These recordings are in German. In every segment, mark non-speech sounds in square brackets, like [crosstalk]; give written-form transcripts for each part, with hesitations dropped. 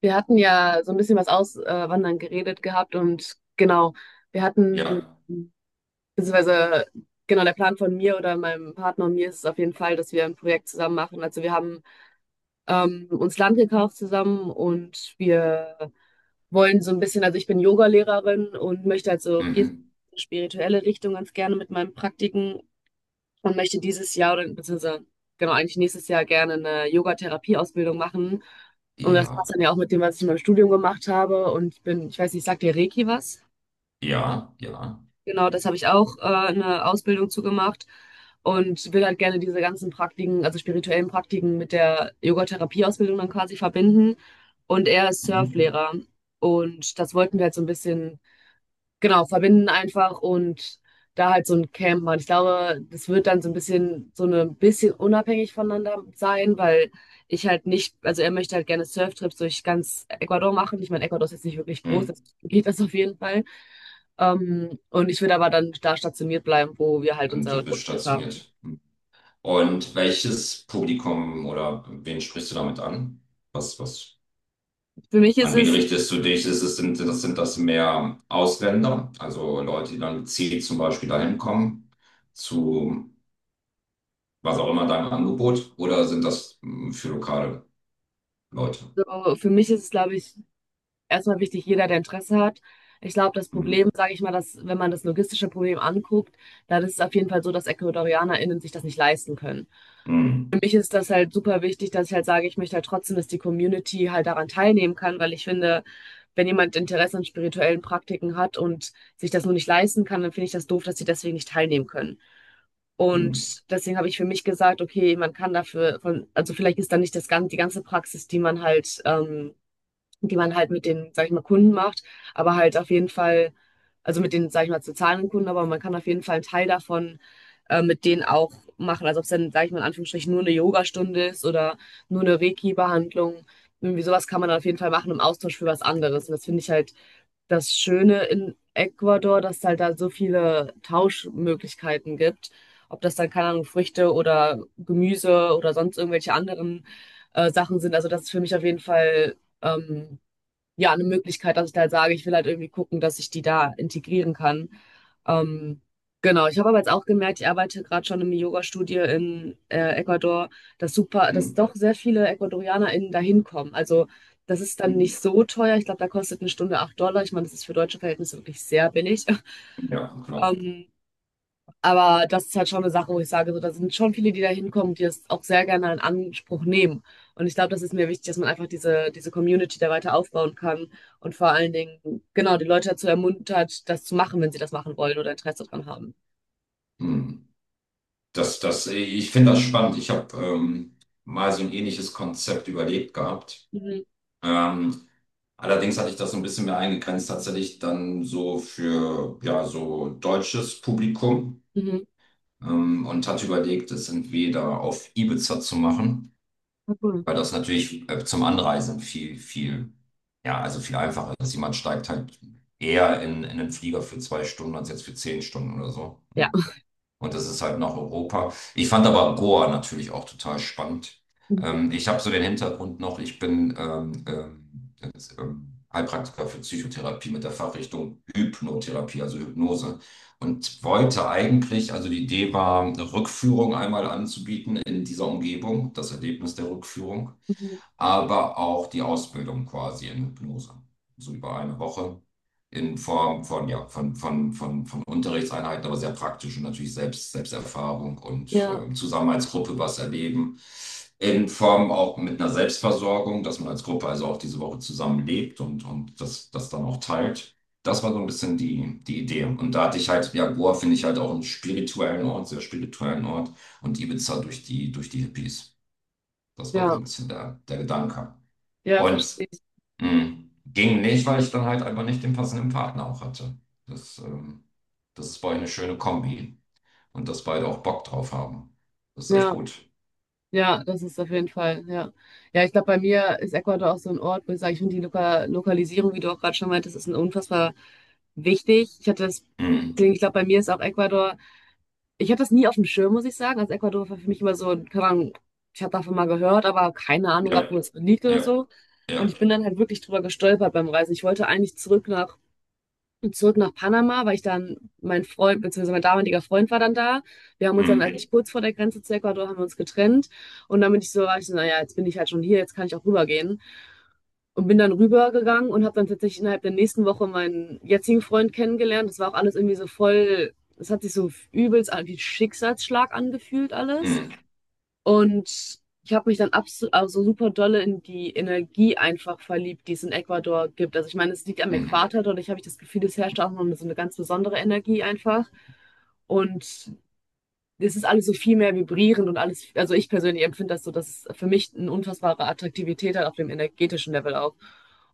Wir hatten ja so ein bisschen was Auswandern geredet gehabt und genau, wir hatten, Ja. beziehungsweise genau der Plan von mir oder meinem Partner und mir ist es auf jeden Fall, dass wir ein Projekt zusammen machen. Also wir haben uns Land gekauft zusammen und wir wollen so ein bisschen, also ich bin Yoga-Lehrerin und möchte halt so Mhm. spirituelle Richtung ganz gerne mit meinen Praktiken und möchte dieses Jahr oder beziehungsweise genau eigentlich nächstes Jahr gerne eine Yoga-Therapie-Ausbildung machen. Und das passt Ja. dann ja auch mit dem, was ich in meinem Studium gemacht habe. Und ich bin, ich weiß nicht, sagt dir Reiki was? Ja. Ja. Genau, das habe ich auch eine Ausbildung zu gemacht und will halt gerne diese ganzen Praktiken, also spirituellen Praktiken mit der Yoga-Therapie-Ausbildung dann quasi verbinden. Und er ist Mhm. Surflehrer. Und das wollten wir halt so ein bisschen genau, verbinden einfach und da halt so ein Camp machen. Ich glaube, das wird dann so ein bisschen so eine bisschen unabhängig voneinander sein, weil ich halt nicht also, er möchte halt gerne Surftrips durch ganz Ecuador machen. Ich meine, Ecuador ist jetzt nicht wirklich groß, Mhm. deswegen [laughs] geht das auf jeden Fall. Und ich würde aber dann da stationiert bleiben, wo wir halt Und unser du bist Grundstück haben. stationiert. Mhm. Und welches Publikum oder wen sprichst du damit an? Was? Für mich ist An wen es richtest du dich? Ist es, sind, das, Sind das mehr Ausländer, also Leute, die dann gezielt zum Beispiel dahin kommen, zu was auch immer deinem Angebot, oder sind das für lokale Leute? Für mich ist es, glaube ich, erstmal wichtig, jeder, der Interesse hat. Ich glaube, das Mhm. Problem, sage ich mal, dass, wenn man das logistische Problem anguckt, dann ist es auf jeden Fall so, dass EcuadorianerInnen sich das nicht leisten können. Für Mhm. mich ist das halt super wichtig, dass ich halt sage, ich möchte halt trotzdem, dass die Community halt daran teilnehmen kann, weil ich finde, wenn jemand Interesse an spirituellen Praktiken hat und sich das nur nicht leisten kann, dann finde ich das doof, dass sie deswegen nicht teilnehmen können. Mhm. Und deswegen habe ich für mich gesagt, okay, man kann dafür, von, also vielleicht ist da nicht das, die ganze Praxis, die man halt die man halt mit den, sag ich mal, Kunden macht, aber halt auf jeden Fall, also mit den, sag ich mal, zu zahlenden Kunden, aber man kann auf jeden Fall einen Teil davon mit denen auch machen. Also ob es dann, sag ich mal, in Anführungsstrichen nur eine Yogastunde ist oder nur eine Reiki-Behandlung. Irgendwie sowas kann man dann auf jeden Fall machen im Austausch für was anderes. Und das finde ich halt das Schöne in Ecuador, dass es halt da so viele Tauschmöglichkeiten gibt. Ob das dann, keine Ahnung, Früchte oder Gemüse oder sonst irgendwelche anderen Sachen sind. Also das ist für mich auf jeden Fall ähm, ja, eine Möglichkeit, dass ich da halt sage, ich will halt irgendwie gucken, dass ich die da integrieren kann. Ähm, genau, ich habe aber jetzt auch gemerkt, ich arbeite gerade schon in im Yoga-Studio in Ecuador, dass super, dass Mhm. doch sehr viele EcuadorianerInnen da hinkommen. Also das ist dann nicht Mhm. so teuer. Ich glaube, da kostet eine Stunde 8 Dollar. Ich meine, das ist für deutsche Verhältnisse wirklich sehr billig. [laughs] Ja, genau. Ähm, aber das ist halt schon eine Sache, wo ich sage, so, da sind schon viele, die da hinkommen, die das auch sehr gerne in Anspruch nehmen. Und ich glaube, das ist mir wichtig, dass man einfach diese Community da weiter aufbauen kann und vor allen Dingen, genau, die Leute dazu ermuntert, das zu machen, wenn sie das machen wollen oder Interesse daran haben. Ich finde das spannend. Ich habe mal so ein ähnliches Konzept überlegt gehabt. Mhm. Ähm, Allerdings hatte ich das so ein bisschen mehr eingegrenzt, tatsächlich dann so für ja, so deutsches Publikum, Mhm. Und hatte überlegt, es entweder auf Ibiza zu machen, Ja, cool. weil das natürlich zum Anreisen viel, ja, also viel einfacher ist. Jemand steigt halt eher in einen Flieger für 2 Stunden als jetzt für 10 Stunden oder so, Ja. ne? Und das ist halt nach Europa. Ich fand aber Goa natürlich auch total spannend. Mhm. Ich habe so den Hintergrund noch, ich bin jetzt, Heilpraktiker für Psychotherapie mit der Fachrichtung Hypnotherapie, also Hypnose. Und wollte eigentlich, also die Idee war, eine Rückführung einmal anzubieten in dieser Umgebung, das Erlebnis der Rückführung, Mhm. aber auch die Ausbildung quasi in Hypnose. So über eine Woche in Form von, ja, von Unterrichtseinheiten, aber sehr praktisch und natürlich Selbsterfahrung und Ja, zusammen als Gruppe was erleben. In Form auch mit einer Selbstversorgung, dass man als Gruppe also auch diese Woche zusammen lebt und das dann auch teilt. Das war so ein bisschen die Idee. Und da hatte ich halt, ja, Goa finde ich halt auch einen spirituellen Ort, sehr spirituellen Ort, und Ibiza durch durch die Hippies. Das war so ja, ein bisschen der Gedanke. ja, Und verstehe ich. mh, ging nicht, weil ich dann halt einfach nicht den passenden Partner auch hatte. Das, das ist bei euch eine schöne Kombi, und dass beide auch Bock drauf haben. Das ist echt Ja. gut. Ja, das ist auf jeden Fall, ja. Ja, ich glaube, bei mir ist Ecuador auch so ein Ort, wo ich sage, ich finde die Lokalisierung, wie du auch gerade schon meintest, ist ein unfassbar wichtig. Ich hatte das, Ding, Mhm. ich glaube, bei mir ist auch Ecuador, ich hatte das nie auf dem Schirm, muss ich sagen. Also Ecuador war für mich immer so, keine Ahnung, ich habe davon mal gehört, aber keine Ahnung gehabt, wo Ja, es liegt oder ja, so. Und ich ja. bin dann halt wirklich drüber gestolpert beim Reisen. Ich wollte eigentlich zurück nach Panama, weil ich dann mein Freund, beziehungsweise mein damaliger Freund war dann da. Wir haben uns dann Mhm. eigentlich kurz vor der Grenze zu Ecuador haben wir uns getrennt. Und dann war ich so, naja, jetzt bin ich halt schon hier, jetzt kann ich auch rübergehen. Und bin dann rübergegangen und habe dann tatsächlich innerhalb der nächsten Woche meinen jetzigen Freund kennengelernt. Das war auch alles irgendwie so voll, das hat sich so übelst wie Schicksalsschlag angefühlt alles. Mhm. Und ich habe mich dann abs also super dolle in die Energie einfach verliebt, die es in Ecuador gibt. Also ich meine, es liegt am Mhm. Äquator, dadurch habe ich das Gefühl, es herrscht auch noch so eine ganz besondere Energie einfach. Und es ist alles so viel mehr vibrierend und alles, also ich persönlich empfinde das so, dass es für mich eine unfassbare Attraktivität hat auf dem energetischen Level auch.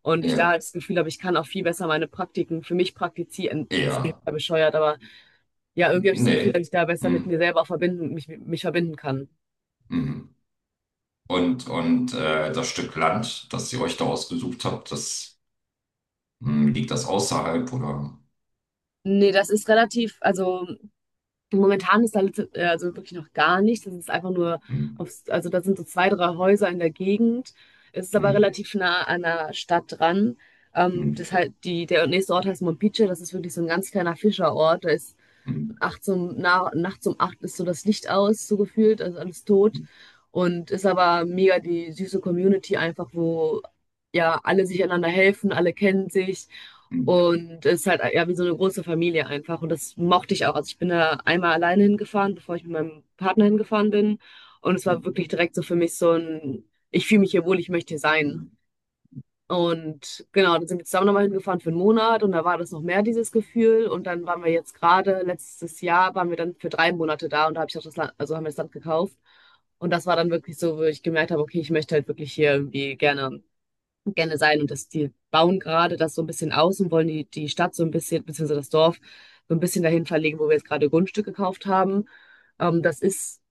Und ich da Ja, halt das Gefühl habe, ich kann auch viel besser meine Praktiken für mich praktizieren. Das klingt ja. ja bescheuert, aber ja, irgendwie habe ich das Gefühl, dass Nee. ich da besser mit Mhm. mir selber auch verbinden, mich verbinden kann. Mhm. Und das Stück Land, das ihr euch da ausgesucht habt, das mh, liegt das außerhalb oder? Nee, das ist relativ, also momentan ist da also wirklich noch gar nichts. Das ist einfach nur Mhm. aufs, also da sind so zwei, drei Häuser in der Gegend. Es ist aber Mhm. relativ nah an der Stadt dran. Das Mhm. halt, der nächste Ort heißt Mompiche, das ist wirklich so ein ganz kleiner Fischerort. Da ist Mhm. Nachts um acht ist so das Licht aus, so gefühlt, also alles tot. Und ist aber mega die süße Community einfach, wo ja alle sich einander helfen, alle kennen sich. Mhm. Und es ist halt ja wie so eine große Familie einfach. Und das mochte ich auch. Also ich bin da einmal alleine hingefahren, bevor ich mit meinem Partner hingefahren bin. Und es war Mhm. wirklich direkt so für mich so ein, ich fühle mich hier wohl, ich möchte hier sein. Und genau, dann sind wir zusammen nochmal hingefahren für einen Monat und da war das noch mehr, dieses Gefühl. Und dann waren wir jetzt gerade, letztes Jahr waren wir dann für 3 Monate da und da habe ich auch das Land, also haben wir das Land gekauft. Und das war dann wirklich so, wo ich gemerkt habe, okay, ich möchte halt wirklich hier irgendwie gerne, gerne sein. Und das, die bauen gerade das so ein bisschen aus und wollen die Stadt so ein bisschen, beziehungsweise das Dorf, so ein bisschen dahin verlegen, wo wir jetzt gerade Grundstück gekauft haben. Das ist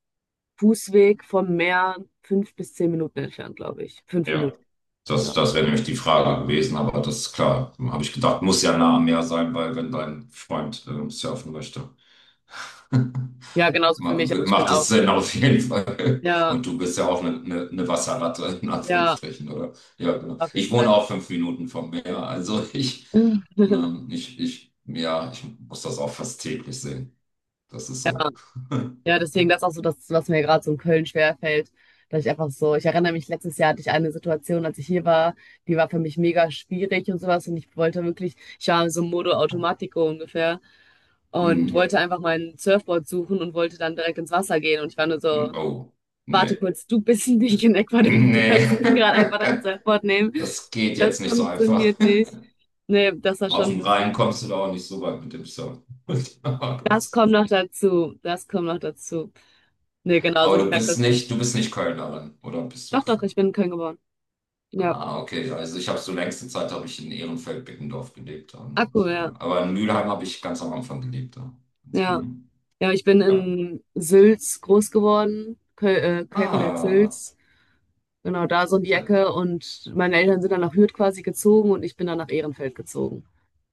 Fußweg vom Meer 5 bis 10 Minuten entfernt, glaube ich. Fünf Ja. Minuten, Das, ja. das wäre nämlich die Frage gewesen, aber das ist klar. Habe ich gedacht, muss ja nah am Meer sein, weil wenn dein Freund surfen möchte, Ja, [laughs] genauso für mich. Also ich bin macht das auch. Sinn auf jeden Fall. [laughs] Ja, Und du bist ja auch eine Wasserratte, [laughs] in ja, Anführungsstrichen, oder? Ja, genau. auf jeden Ich Fall. wohne auch 5 Minuten vom Meer, also [laughs] [laughs] ich, ja, ich muss das auch fast täglich sehen. Das ist Ja, so. [laughs] ja, deswegen das ist auch so das, was mir gerade so in Köln schwerfällt, dass ich einfach so, ich erinnere mich, letztes Jahr hatte ich eine Situation, als ich hier war, die war für mich mega schwierig und sowas und ich wollte wirklich, ich war so Modo Automatico ungefähr und Mhm. wollte einfach mein Surfboard suchen und wollte dann direkt ins Wasser gehen und ich war nur so, Oh, warte nee. [laughs] kurz, du bist [laughs] nicht in Ecuador, du Nee. kannst nicht gerade einfach dein [laughs] Surfboard nehmen, Das geht jetzt das nicht so einfach. funktioniert nicht. Nee, das war Auf schon ein dem Rhein bisschen. kommst du da auch nicht so weit mit dem Surfen. [laughs] Das kommt noch dazu. Das kommt noch dazu. Nee, genau, also Aber ich merke das schon. Du bist nicht Kölnerin, oder bist du Doch, doch, Kölnerin? ich bin in Köln geboren. Ja. Ah, okay. Also ich habe so längste Zeit habe ich in Ehrenfeld-Beckendorf gelebt Ah, und cool, ja. aber in Mülheim habe ich ganz am Anfang gelebt. Ja. Ganz- Ja. Mhm. Ja, ich bin Ja. in Sülz groß geworden. Köl Ah, Keltenberg-Sülz. Genau, da so in die okay, Ecke. Und meine Eltern sind dann nach Hürth quasi gezogen und ich bin dann nach Ehrenfeld gezogen.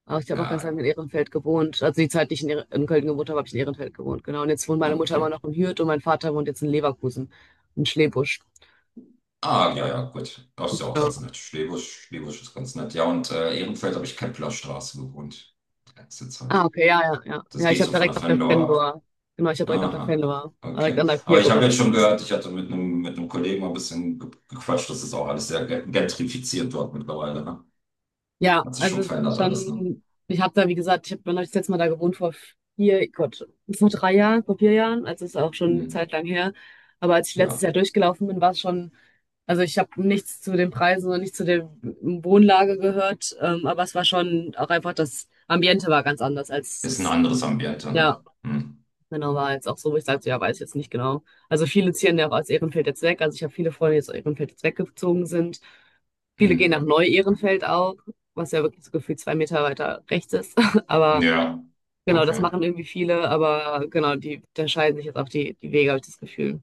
Aber ich habe auch ganz lange ja, in Ehrenfeld gewohnt. Also die Zeit, die ich in Köln gewohnt habe, habe ich in Ehrenfeld gewohnt. Genau. Und jetzt wohnt ja. meine Mutter Okay. immer noch in Hürth und mein Vater wohnt jetzt in Leverkusen, in Schlebusch. Ah, ja, ja, gut. Das ist ja auch ganz Ja. nett. Schlebusch, Schlebusch ist ganz nett. Ja, und Ehrenfeld habe ich Kemplerstraße gewohnt. Letzte Ah, Zeit. okay, ja, ja, ja. Das Ja, ich geht habe so von der direkt auf der Fendor ab. Fendor. Genau, ich habe direkt auf der Aha, Fendor. Direkt okay. an der 4 Aber ich habe gewohnt. jetzt schon gehört, ich hatte mit einem Kollegen mal ein bisschen gequatscht, das ist auch alles sehr gentrifiziert dort mittlerweile, ne? Ja, Hat sich also schon es ist verändert alles, ne? schon, ich habe da, wie gesagt, ich habe hab das letzte Mal da gewohnt vor vier, Gott, vor 3 Jahren, vor 4 Jahren. Also es ist auch schon eine Hm. Zeit lang her. Aber als ich letztes Ja, Jahr durchgelaufen bin, war es schon, also ich habe nichts zu den Preisen und nichts zu der Wohnlage gehört. Aber es war schon auch einfach, das Ambiente war ganz anders als, ist ein es- anderes Ambiente, ja, ne? Hm. genau, war jetzt auch so, wo ich sagte, ja, weiß ich jetzt nicht genau. Also viele ziehen ja auch aus Ehrenfeld jetzt weg. Also ich habe viele Freunde, die aus Ehrenfeld jetzt weggezogen sind. Viele gehen Hm. nach Neu-Ehrenfeld auch, was ja wirklich so gefühlt 2 Meter weiter rechts ist. [laughs] Aber Ja, genau, das okay, machen irgendwie viele. Aber genau, die da scheiden sich jetzt auch die Wege, habe ich das Gefühl.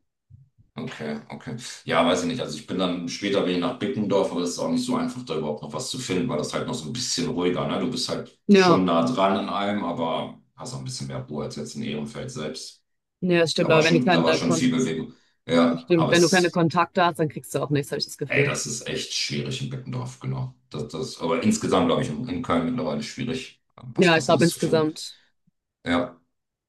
okay, okay. Ja, weiß ich nicht. Also ich bin dann später bin ich nach Bickendorf, aber es ist auch nicht so einfach, da überhaupt noch was zu finden, weil das halt noch so ein bisschen ruhiger, ne? Du bist halt Ja, schon nah dran an allem, aber hast auch ein bisschen mehr Ruhe als jetzt in Ehrenfeld selbst. ja, das stimmt. Aber wenn du Da keine, war schon Kon viel Bewegung. Das Ja, stimmt, aber wenn du keine es, Kontakte hast, dann kriegst du auch nichts, habe ich das ey, Gefühl. das ist echt schwierig in Beckendorf, genau. Aber insgesamt, glaube ich, in Köln mittlerweile schwierig, was Ja, ich glaube Passendes zu finden. insgesamt. Ja.